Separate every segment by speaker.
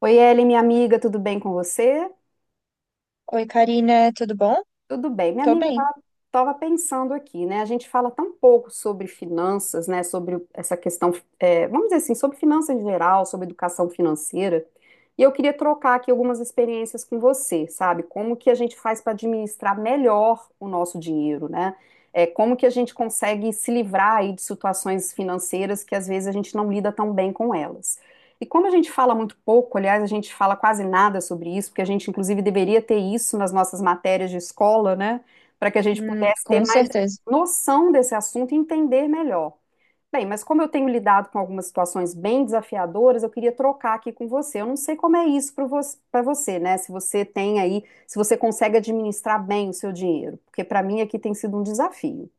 Speaker 1: Oi, Ellen, minha amiga, tudo bem com você?
Speaker 2: Oi, Karina, tudo bom?
Speaker 1: Tudo bem. Minha
Speaker 2: Tô
Speaker 1: amiga, eu
Speaker 2: bem.
Speaker 1: estava pensando aqui, né? A gente fala tão pouco sobre finanças, né? Sobre essa questão, é, vamos dizer assim, sobre finanças em geral, sobre educação financeira. E eu queria trocar aqui algumas experiências com você, sabe? Como que a gente faz para administrar melhor o nosso dinheiro, né? É, como que a gente consegue se livrar aí de situações financeiras que às vezes a gente não lida tão bem com elas. E como a gente fala muito pouco, aliás, a gente fala quase nada sobre isso, porque a gente inclusive deveria ter isso nas nossas matérias de escola, né? Para que a gente pudesse ter
Speaker 2: Com
Speaker 1: mais
Speaker 2: certeza.
Speaker 1: noção desse assunto e entender melhor. Bem, mas como eu tenho lidado com algumas situações bem desafiadoras, eu queria trocar aqui com você. Eu não sei como é isso para você, pra você, né? Se você tem aí, se você consegue administrar bem o seu dinheiro, porque para mim aqui tem sido um desafio.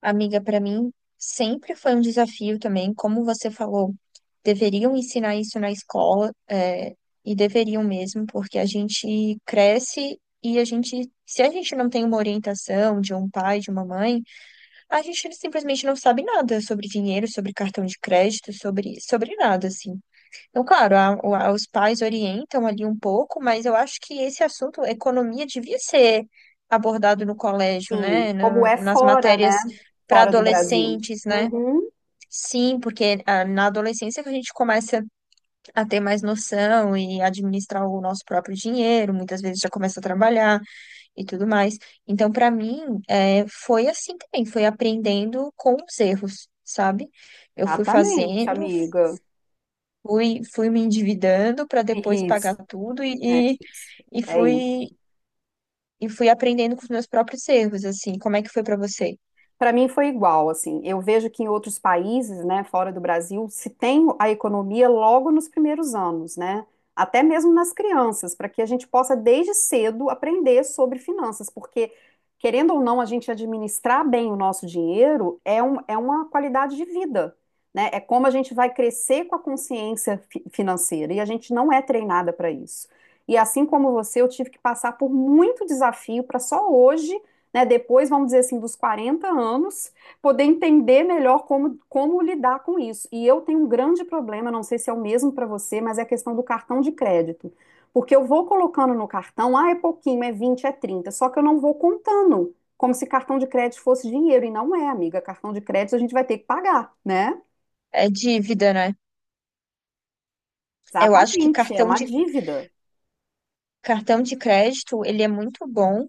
Speaker 2: Amiga, pra mim sempre foi um desafio também. Como você falou, deveriam ensinar isso na escola, e deveriam mesmo, porque a gente cresce e se a gente não tem uma orientação de um pai, de uma mãe, a gente simplesmente não sabe nada sobre dinheiro, sobre cartão de crédito, sobre nada, assim. Então, claro, os pais orientam ali um pouco, mas eu acho que esse assunto, economia, devia ser abordado no colégio,
Speaker 1: Sim,
Speaker 2: né?
Speaker 1: como é
Speaker 2: Nas
Speaker 1: fora, né?
Speaker 2: matérias para
Speaker 1: Fora do Brasil.
Speaker 2: adolescentes, né?
Speaker 1: Uhum,
Speaker 2: Sim, porque ah, na adolescência que a gente começa a ter mais noção e administrar o nosso próprio dinheiro, muitas vezes já começa a trabalhar e tudo mais. Então, para mim, foi assim também, foi aprendendo com os erros, sabe? Eu fui
Speaker 1: exatamente,
Speaker 2: fazendo.
Speaker 1: amiga.
Speaker 2: Fui me endividando para depois
Speaker 1: Isso,
Speaker 2: pagar tudo
Speaker 1: é isso.
Speaker 2: e
Speaker 1: É.
Speaker 2: fui, e fui aprendendo com os meus próprios erros, assim. Como é que foi para você?
Speaker 1: Para mim foi igual, assim. Eu vejo que em outros países, né, fora do Brasil, se tem a economia logo nos primeiros anos, né? Até mesmo nas crianças, para que a gente possa desde cedo aprender sobre finanças, porque querendo ou não, a gente administrar bem o nosso dinheiro é um, é uma qualidade de vida, né? É como a gente vai crescer com a consciência financeira e a gente não é treinada para isso. E assim como você, eu tive que passar por muito desafio para só hoje, né, depois, vamos dizer assim, dos 40 anos, poder entender melhor como, como lidar com isso. E eu tenho um grande problema, não sei se é o mesmo para você, mas é a questão do cartão de crédito. Porque eu vou colocando no cartão, ah, é pouquinho, é 20, é 30, só que eu não vou contando, como se cartão de crédito fosse dinheiro, e não é, amiga. Cartão de crédito a gente vai ter que pagar, né?
Speaker 2: É dívida, né? Eu acho que
Speaker 1: Exatamente, é
Speaker 2: cartão
Speaker 1: uma
Speaker 2: de
Speaker 1: dívida.
Speaker 2: cartão de crédito, ele é muito bom,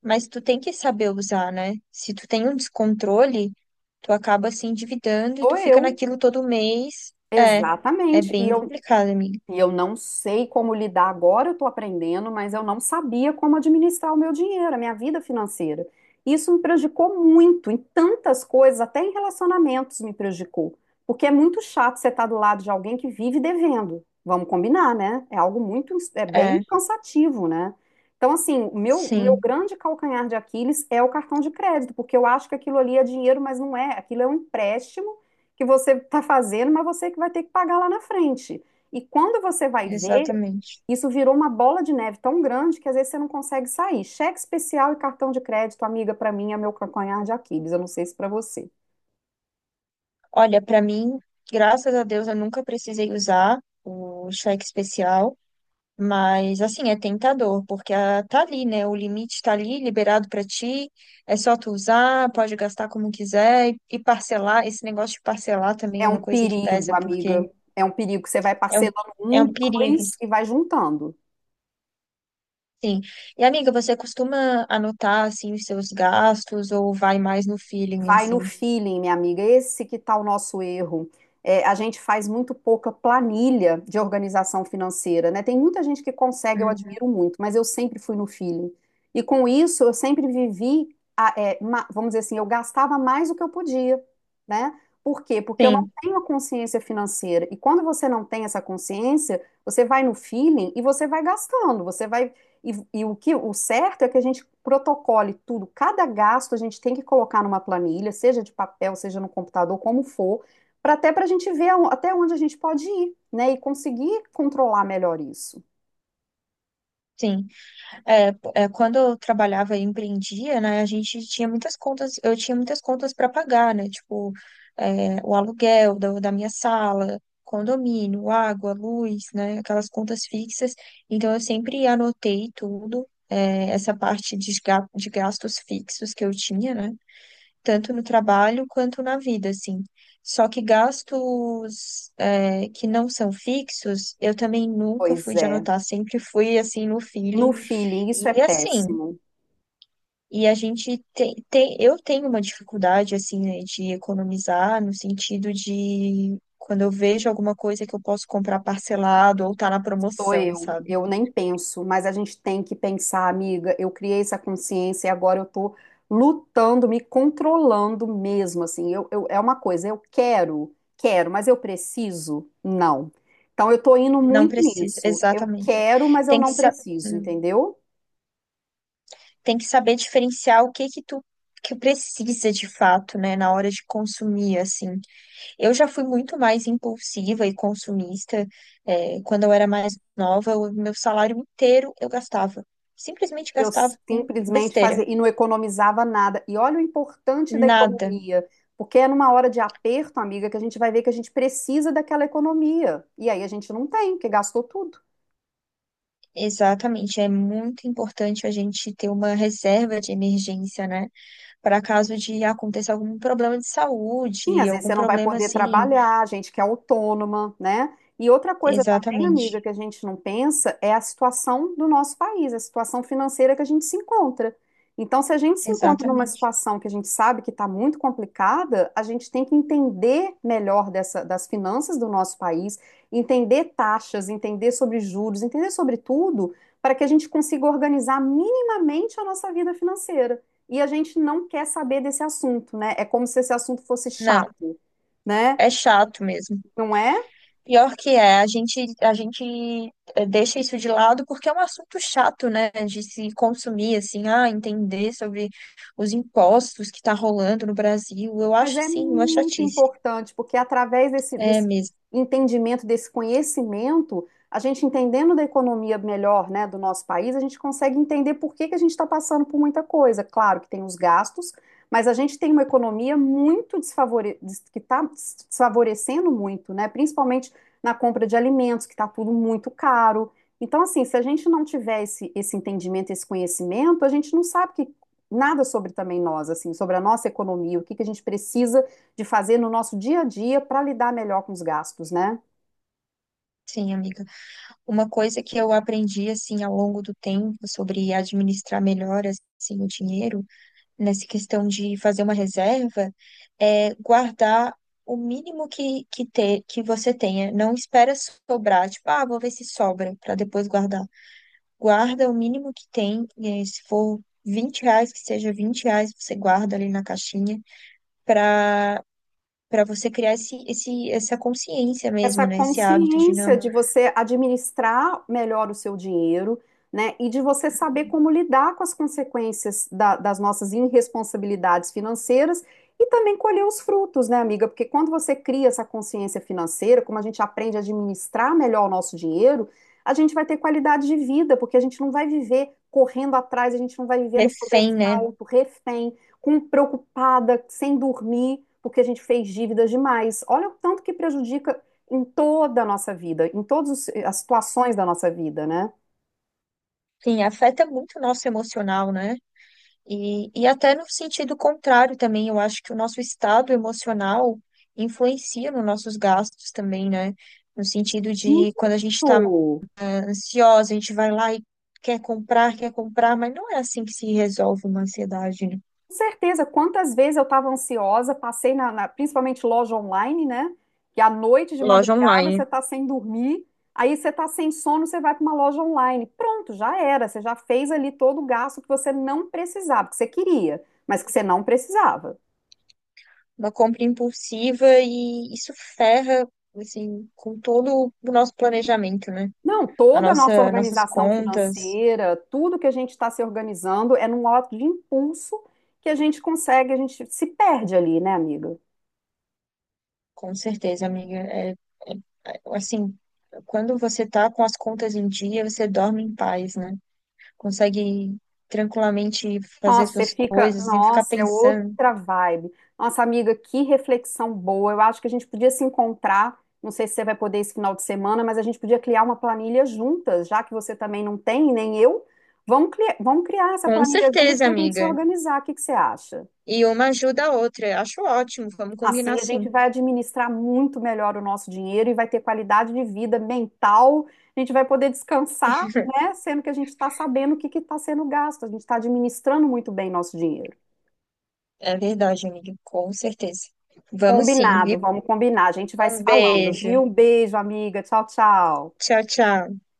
Speaker 2: mas tu tem que saber usar, né? Se tu tem um descontrole, tu acaba se endividando e
Speaker 1: Sou
Speaker 2: tu fica
Speaker 1: eu.
Speaker 2: naquilo todo mês. É, é
Speaker 1: Exatamente. E
Speaker 2: bem
Speaker 1: eu...
Speaker 2: complicado, amiga.
Speaker 1: E eu não sei como lidar agora, eu estou aprendendo, mas eu não sabia como administrar o meu dinheiro, a minha vida financeira. Isso me prejudicou muito, em tantas coisas, até em relacionamentos me prejudicou. Porque é muito chato você estar do lado de alguém que vive devendo. Vamos combinar, né? É algo muito, é bem
Speaker 2: É,
Speaker 1: cansativo, né? Então, assim, o meu
Speaker 2: sim,
Speaker 1: grande calcanhar de Aquiles é o cartão de crédito, porque eu acho que aquilo ali é dinheiro, mas não é. Aquilo é um empréstimo que você está fazendo, mas você que vai ter que pagar lá na frente. E quando você vai ver,
Speaker 2: exatamente.
Speaker 1: isso virou uma bola de neve tão grande que às vezes você não consegue sair. Cheque especial e cartão de crédito, amiga, para mim é meu calcanhar de Aquiles. Eu não sei se para você.
Speaker 2: Olha, para mim, graças a Deus, eu nunca precisei usar o cheque especial, mas assim, é tentador, porque ah, tá ali, né? O limite tá ali, liberado para ti, é só tu usar, pode gastar como quiser e parcelar. Esse negócio de parcelar também
Speaker 1: É
Speaker 2: é
Speaker 1: um
Speaker 2: uma coisa que
Speaker 1: perigo,
Speaker 2: pesa, porque
Speaker 1: amiga. É um perigo que você vai
Speaker 2: é um,
Speaker 1: parcelando
Speaker 2: é um
Speaker 1: um,
Speaker 2: perigo,
Speaker 1: dois e vai juntando.
Speaker 2: sim. E amiga, você costuma anotar assim os seus gastos ou vai mais no feeling
Speaker 1: Vai no
Speaker 2: assim?
Speaker 1: feeling, minha amiga. Esse que tá o nosso erro. É, a gente faz muito pouca planilha de organização financeira, né? Tem muita gente que consegue, eu
Speaker 2: Uhum.
Speaker 1: admiro muito, mas eu sempre fui no feeling. E com isso, eu sempre vivi, vamos dizer assim, eu gastava mais do que eu podia, né? Por quê? Porque eu não
Speaker 2: Sim,
Speaker 1: tenho a consciência financeira. E quando você não tem essa consciência, você vai no feeling e você vai gastando, você vai e, e o que o certo é que a gente protocole tudo, cada gasto a gente tem que colocar numa planilha, seja de papel, seja no computador, como for, para, até para a gente ver até onde a gente pode ir, né? E conseguir controlar melhor isso.
Speaker 2: sim. É, Quando eu trabalhava e empreendia, né, a gente tinha muitas contas, eu tinha muitas contas para pagar, né, tipo, é, o aluguel da minha sala, condomínio, água, luz, né, aquelas contas fixas. Então eu sempre anotei tudo, é, essa parte de, de gastos fixos que eu tinha, né, tanto no trabalho quanto na vida, assim. Só que gastos, é, que não são fixos, eu também nunca
Speaker 1: Pois
Speaker 2: fui de
Speaker 1: é,
Speaker 2: anotar, sempre fui, assim, no
Speaker 1: no
Speaker 2: feeling,
Speaker 1: feeling, isso é
Speaker 2: e assim,
Speaker 1: péssimo.
Speaker 2: e a gente tem, tem, eu tenho uma dificuldade assim, né, de economizar no sentido de quando eu vejo alguma coisa que eu posso comprar parcelado ou tá na
Speaker 1: Sou
Speaker 2: promoção, sabe?
Speaker 1: eu nem penso, mas a gente tem que pensar, amiga. Eu criei essa consciência e agora eu tô lutando, me controlando mesmo. Assim, é uma coisa, eu quero, quero, mas eu preciso? Não. Então, eu tô indo
Speaker 2: Não
Speaker 1: muito
Speaker 2: precisa,
Speaker 1: nisso. Eu
Speaker 2: exatamente.
Speaker 1: quero, mas eu
Speaker 2: Tem que
Speaker 1: não
Speaker 2: saber.
Speaker 1: preciso, entendeu?
Speaker 2: Tem que saber diferenciar o que que tu que precisa de fato, né, na hora de consumir, assim. Eu já fui muito mais impulsiva e consumista. Quando eu era mais nova, o meu salário inteiro eu gastava. Simplesmente
Speaker 1: Eu
Speaker 2: gastava com
Speaker 1: simplesmente
Speaker 2: besteira.
Speaker 1: fazia e não economizava nada. E olha o importante da
Speaker 2: Nada.
Speaker 1: economia, porque é numa hora de aperto, amiga, que a gente vai ver que a gente precisa daquela economia. E aí a gente não tem, porque gastou tudo.
Speaker 2: Exatamente. É muito importante a gente ter uma reserva de emergência, né? Para caso de aconteça algum problema de
Speaker 1: Sim,
Speaker 2: saúde,
Speaker 1: às vezes
Speaker 2: algum
Speaker 1: você não vai
Speaker 2: problema
Speaker 1: poder
Speaker 2: assim.
Speaker 1: trabalhar, gente que é autônoma, né? E outra coisa também, amiga,
Speaker 2: Exatamente.
Speaker 1: que a gente não pensa é a situação do nosso país, a situação financeira que a gente se encontra. Então, se a gente se encontra numa
Speaker 2: Exatamente.
Speaker 1: situação que a gente sabe que está muito complicada, a gente tem que entender melhor das finanças do nosso país, entender taxas, entender sobre juros, entender sobre tudo, para que a gente consiga organizar minimamente a nossa vida financeira e a gente não quer saber desse assunto, né? É como se esse assunto fosse
Speaker 2: Não.
Speaker 1: chato, né?
Speaker 2: É chato mesmo.
Speaker 1: Não é?
Speaker 2: Pior que é, deixa isso de lado porque é um assunto chato, né? De se consumir, assim, ah, entender sobre os impostos que tá rolando no Brasil. Eu
Speaker 1: Mas
Speaker 2: acho,
Speaker 1: é
Speaker 2: sim, uma
Speaker 1: muito
Speaker 2: chatice.
Speaker 1: importante, porque através desse,
Speaker 2: É
Speaker 1: desse
Speaker 2: mesmo.
Speaker 1: entendimento, desse conhecimento, a gente entendendo da economia melhor, né, do nosso país, a gente consegue entender por que que a gente está passando por muita coisa. Claro que tem os gastos, mas a gente tem uma economia muito desfavore... que está desfavorecendo muito, né, principalmente na compra de alimentos, que está tudo muito caro. Então, assim, se a gente não tiver esse entendimento, esse conhecimento, a gente não sabe o que, nada sobre também nós, assim, sobre a nossa economia, o que que a gente precisa de fazer no nosso dia a dia para lidar melhor com os gastos, né?
Speaker 2: Sim, amiga. Uma coisa que eu aprendi, assim, ao longo do tempo sobre administrar melhor, assim, o dinheiro nessa questão de fazer uma reserva é guardar o mínimo que você tenha. Não espera sobrar, tipo, ah, vou ver se sobra para depois guardar. Guarda o mínimo que tem, eh, se for R$ 20, que seja R$ 20, você guarda ali na caixinha para você criar essa consciência
Speaker 1: Essa
Speaker 2: mesmo, né? Esse hábito de
Speaker 1: consciência
Speaker 2: não
Speaker 1: de você administrar melhor o seu dinheiro, né, e de você saber como lidar com as consequências das nossas irresponsabilidades financeiras e também colher os frutos, né, amiga? Porque quando você cria essa consciência financeira, como a gente aprende a administrar melhor o nosso dinheiro, a gente vai ter qualidade de vida, porque a gente não vai viver correndo atrás, a gente não vai viver no
Speaker 2: refém, né?
Speaker 1: sobressalto, refém, com preocupada, sem dormir, porque a gente fez dívidas demais. Olha o tanto que prejudica em toda a nossa vida, em todas as situações da nossa vida, né?
Speaker 2: Sim, afeta muito o nosso emocional, né? E até no sentido contrário também, eu acho que o nosso estado emocional influencia nos nossos gastos também, né? No sentido
Speaker 1: Muito.
Speaker 2: de quando a gente está
Speaker 1: Com
Speaker 2: ansiosa, a gente vai lá e quer comprar, mas não é assim que se resolve uma ansiedade, né?
Speaker 1: certeza, quantas vezes eu estava ansiosa, passei principalmente loja online, né? Que à noite, de
Speaker 2: Loja
Speaker 1: madrugada,
Speaker 2: online.
Speaker 1: você está sem dormir, aí você está sem sono, você vai para uma loja online. Pronto, já era, você já fez ali todo o gasto que você não precisava, que você queria, mas que você não precisava.
Speaker 2: Uma compra impulsiva e isso ferra, assim, com todo o nosso planejamento, né?
Speaker 1: Não,
Speaker 2: A
Speaker 1: toda a nossa
Speaker 2: nossa, nossas
Speaker 1: organização
Speaker 2: contas.
Speaker 1: financeira, tudo que a gente está se organizando é num ato de impulso que a gente consegue, a gente se perde ali, né, amiga?
Speaker 2: Com certeza, amiga. Assim, quando você tá com as contas em dia, você dorme em paz, né? Consegue tranquilamente fazer
Speaker 1: Nossa, você
Speaker 2: suas
Speaker 1: fica,
Speaker 2: coisas sem ficar
Speaker 1: nossa, é
Speaker 2: pensando.
Speaker 1: outra vibe. Nossa, amiga, que reflexão boa. Eu acho que a gente podia se encontrar, não sei se você vai poder esse final de semana, mas a gente podia criar uma planilha juntas, já que você também não tem, nem eu. Vamos criar essa
Speaker 2: Com
Speaker 1: planilha juntas
Speaker 2: certeza,
Speaker 1: para a gente se
Speaker 2: amiga.
Speaker 1: organizar. O que que você acha?
Speaker 2: E uma ajuda a outra. Acho ótimo. Vamos combinar,
Speaker 1: Assim a gente
Speaker 2: sim.
Speaker 1: vai administrar muito melhor o nosso dinheiro e vai ter qualidade de vida mental. A gente vai poder descansar, né? Sendo que a gente está sabendo o que que está sendo gasto. A gente está administrando muito bem nosso dinheiro.
Speaker 2: É verdade, amiga. Com certeza. Vamos, sim,
Speaker 1: Combinado,
Speaker 2: viu?
Speaker 1: vamos combinar. A gente vai se
Speaker 2: Um
Speaker 1: falando,
Speaker 2: beijo.
Speaker 1: viu? Um beijo, amiga. Tchau, tchau.
Speaker 2: Tchau, tchau.